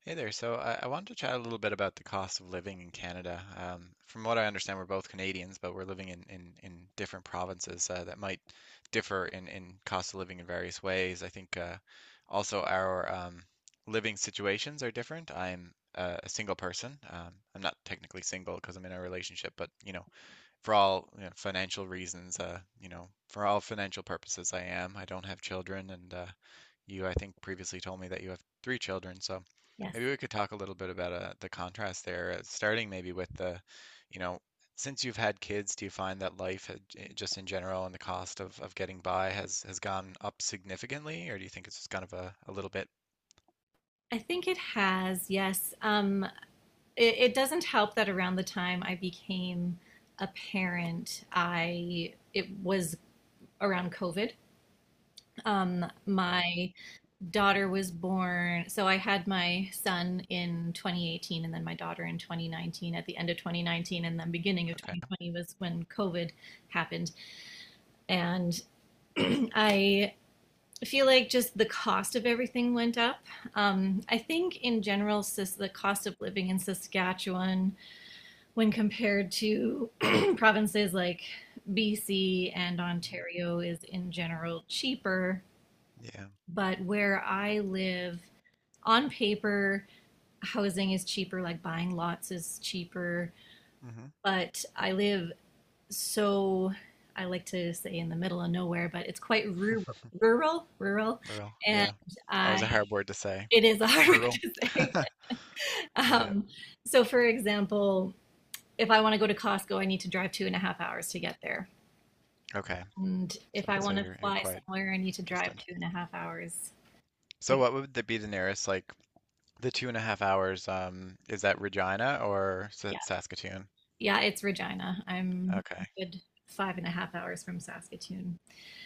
Hey there. So I wanted to chat a little bit about the cost of living in Canada. From what I understand, we're both Canadians, but we're living in different provinces that might differ in cost of living in various ways. I think also our living situations are different. I'm a single person. I'm not technically single because I'm in a relationship, but you know, for all you know, financial reasons, for all financial purposes, I am. I don't have children, and you, I think, previously told me that you have three children. So Yes, maybe we could talk a little bit about the contrast there, starting maybe with the, you know, since you've had kids, do you find that life, just in general, and the cost of getting by has gone up significantly, or do you think it's just kind of a little bit? I think it has. Yes. It doesn't help that around the time I became a parent, I it was around COVID. Right. My daughter was born, so I had my son in 2018 and then my daughter in 2019 at the end of 2019 and then beginning of Okay. 2020 was when COVID happened. And I I feel like just the cost of everything went up. I think in general, the cost of living in Saskatchewan, when compared to provinces like BC and Mm, Ontario, is in general cheaper. yeah. But where I live, on paper, housing is cheaper, like buying lots is cheaper. Hmm. But I live, so I like to say, in the middle of nowhere, but it's quite rural, rural, rural. Rural. And Yeah. Always I a hard word to say. It is a hard word Rural. to say. Yeah. Um, so, for example, if I want to go to Costco, I need to drive 2.5 hours to get there. Okay. And if So, I so want to you're fly quite somewhere, I need to drive distant. 2.5 hours. It's So like, what would be the nearest, like the 2.5 hours? Is that Regina or Sa yeah, Saskatoon? yeah, it's Regina. I'm a Okay, good 5.5 hours from Saskatoon.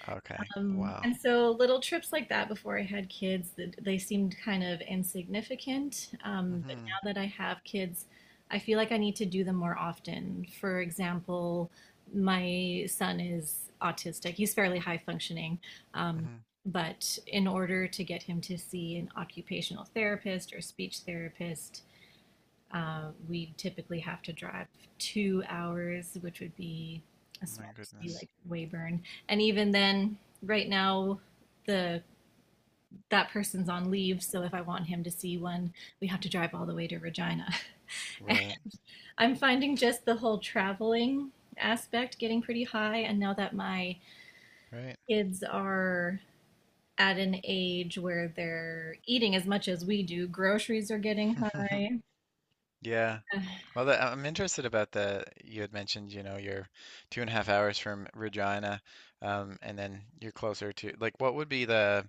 okay, Um, wow. and so little trips like that before I had kids, they seemed kind of insignificant. But Mm-hmm. now that I have kids, I feel like I need to do them more often. For example, my son is autistic. He's fairly high functioning. Um, Mm-hmm. but in order to get him to see an occupational therapist or speech therapist, we typically have to drive 2 hours, which would be a My smaller city goodness. like Weyburn. And even then, right now, the that person's on leave, so if I want him to see one, we have to drive all the way to Regina. And Right, I'm finding just the whole traveling aspect getting pretty high, and now that my right. kids are at an age where they're eating as much as we do, groceries are getting high. Yeah. Uh, Well, I'm interested about the you had mentioned, you know, you're 2.5 hours from Regina, and then you're closer to like what would be the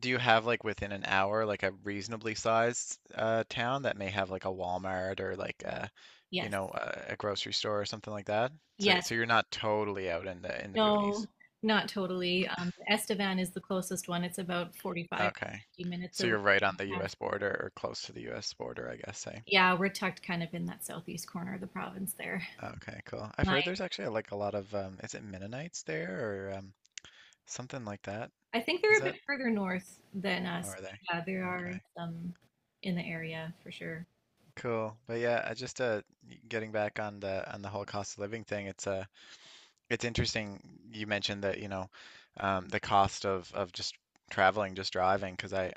do you have like within an hour like a reasonably sized town that may have like a Walmart or like a you Yes, know a grocery store or something like that? So yes. so you're not totally out in the boonies. No, not totally. Estevan is the closest one. It's about 45, Okay. 50 minutes So you're away. right on We the have- US border or close to the US border, I guess, say. Yeah, we're tucked kind of in that southeast corner of the province there. Okay, cool. I've My, heard there's actually like a lot of is it Mennonites there or something like that? I think Is they're a that bit further north than how us. are they? Yeah, there Okay. are some in the area for sure. Cool. But yeah, I just getting back on the whole cost of living thing, it's it's interesting you mentioned that, you know, the cost of just traveling, just driving, because I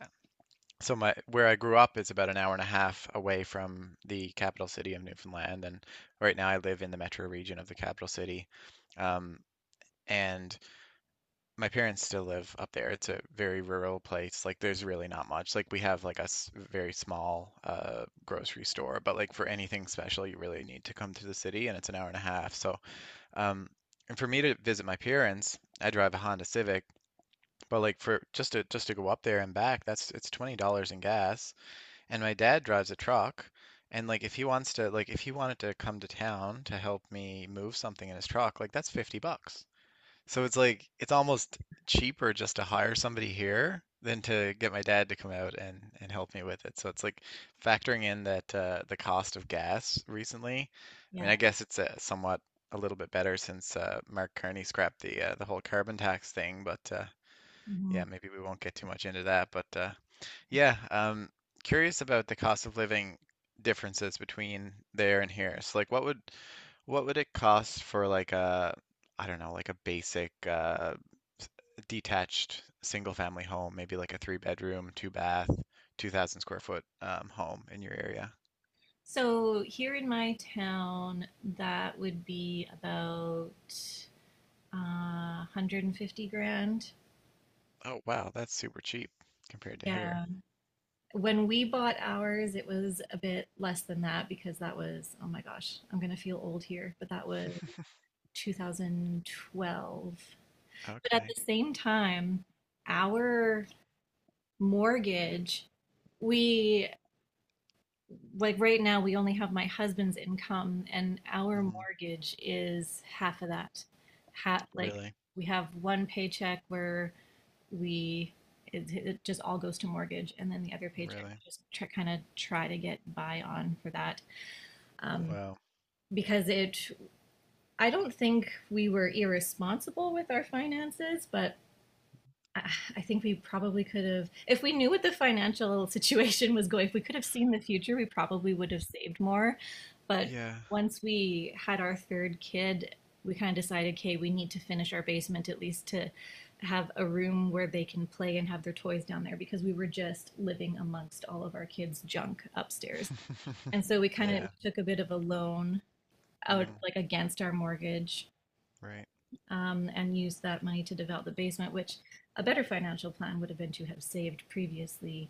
so my where I grew up is about an hour and a half away from the capital city of Newfoundland, and right now I live in the metro region of the capital city. Um, and My parents still live up there. It's a very rural place. Like there's really not much. Like we have like a very small grocery store, but like for anything special, you really need to come to the city, and it's an hour and a half. So um, and for me to visit my parents, I drive a Honda Civic, but like for just to go up there and back, that's it's $20 in gas. And my dad drives a truck, and like if he wants to like if he wanted to come to town to help me move something in his truck, like that's $50. So it's like it's almost cheaper just to hire somebody here than to get my dad to come out and help me with it. So it's like factoring in that the cost of gas recently. I mean, I Yeah. guess it's somewhat a little bit better since Mark Carney scrapped the whole carbon tax thing, but yeah, Mhm. maybe we won't get too much into that. But yeah, um, curious about the cost of living differences between there and here. So like what would it cost for like a I don't know, like a basic detached single family home, maybe like a three bedroom, two bath, 2000 square foot home in your area? So here in my town, that would be about 150 grand. Oh wow, that's super cheap compared to here. Yeah. When we bought ours, it was a bit less than that because that was, oh my gosh, I'm going to feel old here, but that was 2012. But at Okay. the same time, our mortgage, we like right now, we only have my husband's income, and our Hmm. mortgage is half of that. Ha like Really? we have one paycheck where we it just all goes to mortgage, and then the other paycheck we Really? just kind of try to get by on for that, um, Wow. because it I don't think we were irresponsible with our finances, but I think we probably could have, if we knew what the financial situation was going, if we could have seen the future, we probably would have saved more. But Yeah. once we had our third kid, we kind of decided, okay, we need to finish our basement at least to have a room where they can play and have their toys down there because we were just living amongst all of our kids' junk upstairs. And so we kind of Yeah. took a bit of a loan out, Mm, like against our mortgage, right. And use that money to develop the basement, which a better financial plan would have been to have saved previously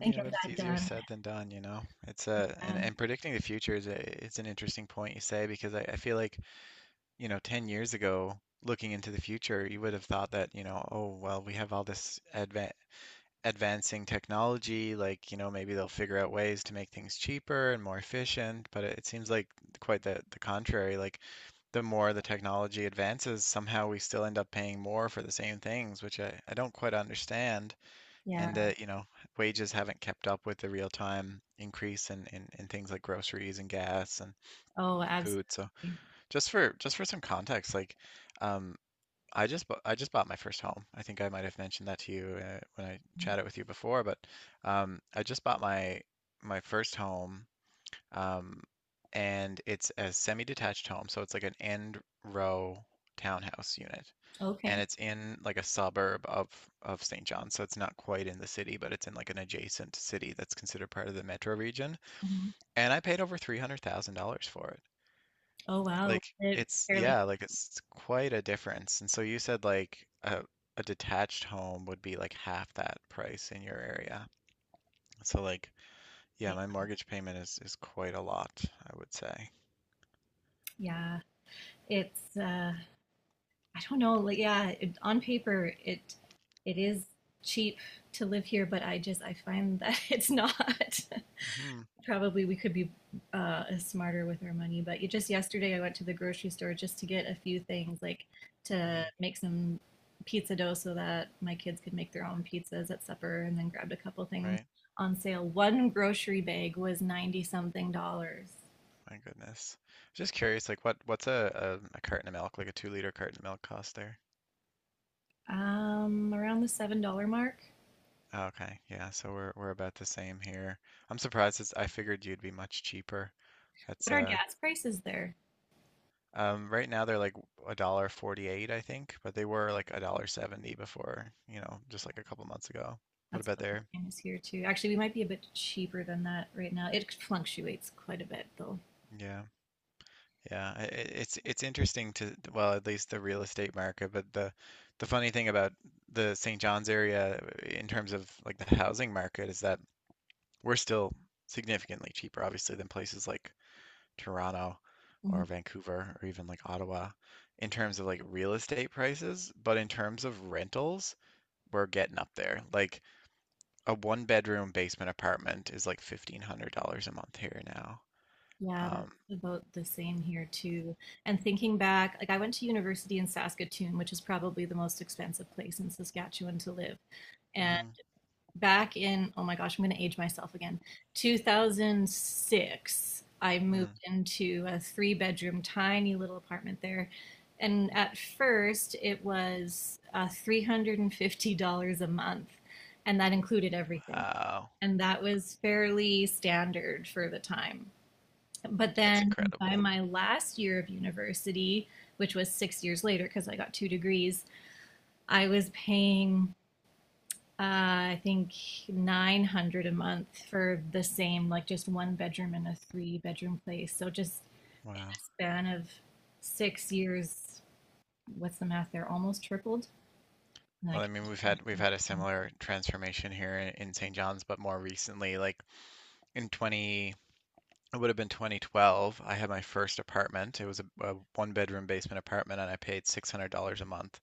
and Yeah, get but it's that easier done. said than done, you know. It's Uh, and predicting the future is it's an interesting point you say because I feel like, you know, 10 years ago, looking into the future, you would have thought that, you know, oh, well, we have all this advancing technology, like, you know, maybe they'll figure out ways to make things cheaper and more efficient, but it seems like quite the contrary. Like the more the technology advances, somehow we still end up paying more for the same things, which I don't quite understand and yeah. that, you know, wages haven't kept up with the real-time increase in things like groceries and gas and Oh, food. So absolutely. Just for some context, like um, I just bought my first home. I think I might have mentioned that to you when I chatted with you before, but I just bought my first home, um, and it's a semi-detached home, so it's like an end row townhouse unit and Okay. it's in like a suburb of St. John, so it's not quite in the city, but it's in like an adjacent city that's considered part of the metro region. Mhm. And I paid over $300,000 for it. Oh, wow. Like It it's fairly. yeah, like it's quite a difference. And so you said like a detached home would be like half that price in your area. So like yeah, Yeah. my mortgage payment is quite a lot, I would say. Yeah. It's. I don't know. Like, yeah. On paper, it is cheap to live here, but I just I find that it's not. Hmm. Probably we could be smarter with our money. But just yesterday, I went to the grocery store just to get a few things, like to make some pizza dough so that my kids could make their own pizzas at supper, and then grabbed a couple things Right. on sale. One grocery bag was 90 something dollars. My goodness. Just curious, like what what's a carton of milk, like a 2 liter carton of milk cost there? Around the $7 mark. Okay, yeah, so we're about the same here. I'm surprised it's, I figured you'd be much cheaper. That's What are uh gas prices there? um Right now they're like a dollar 48, I think, but they were like a dollar 70 before, you know, just like a couple months ago. What That's about what the there? same is here too. Actually, we might be a bit cheaper than that right now. It fluctuates quite a bit though. Yeah. Yeah, it's interesting to well, at least the real estate market, but the funny thing about the St. John's area in terms of like the housing market is that we're still significantly cheaper, obviously, than places like Toronto or Mhm. Vancouver or even like Ottawa in terms of like real estate prices, but in terms of rentals, we're getting up there. Like a one bedroom basement apartment is like $1,500 a month here now. Yeah, that's Um, about the same here too. And thinking back, like I went to university in Saskatoon, which is probably the most expensive place in Saskatchewan to live. And mhm, back in, oh my gosh, I'm going to age myself again. 2006, I mm. moved into a three-bedroom, tiny little apartment there. And at first, it was $350 a month, and that included everything. Wow, And that was fairly standard for the time. But that's then by incredible. my last year of university, which was 6 years later because I got two degrees, I was paying, uh, I think, 900 a month for the same, like just one bedroom and a three-bedroom place. So just a Wow. span of 6 years, what's the math there? Almost tripled. And I Well, I mean, can't we've imagine had a it. similar transformation here in St. John's, but more recently, like in 20, it would have been 2012, I had my first apartment. It was a one bedroom basement apartment and I paid $600 a month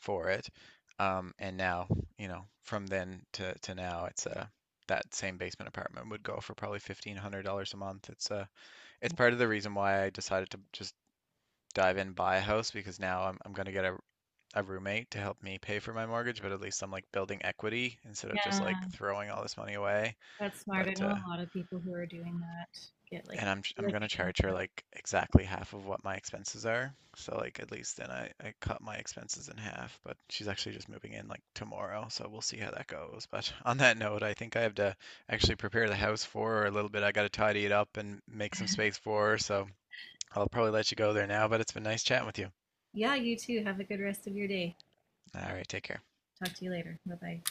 for it. And now, you know, from then to now, it's that same basement apartment would go for probably $1,500 a month. It's part of the reason why I decided to just dive in, buy a house because now I'm gonna get a roommate to help me pay for my mortgage, but at least I'm like building equity instead of just Yeah, like throwing all this money away. that's smart. I But know a lot of people who are doing that get like and I'm gonna living in. charge her like exactly half of what my expenses are. So like at least then I cut my expenses in half. But she's actually just moving in like tomorrow, so we'll see how that goes. But on that note, I think I have to actually prepare the house for her a little bit. I gotta tidy it up and make some space for her. So I'll probably let you go there now. But it's been nice chatting with you. Yeah, you too. Have a good rest of your day. All right, take care. Talk to you later. Bye bye.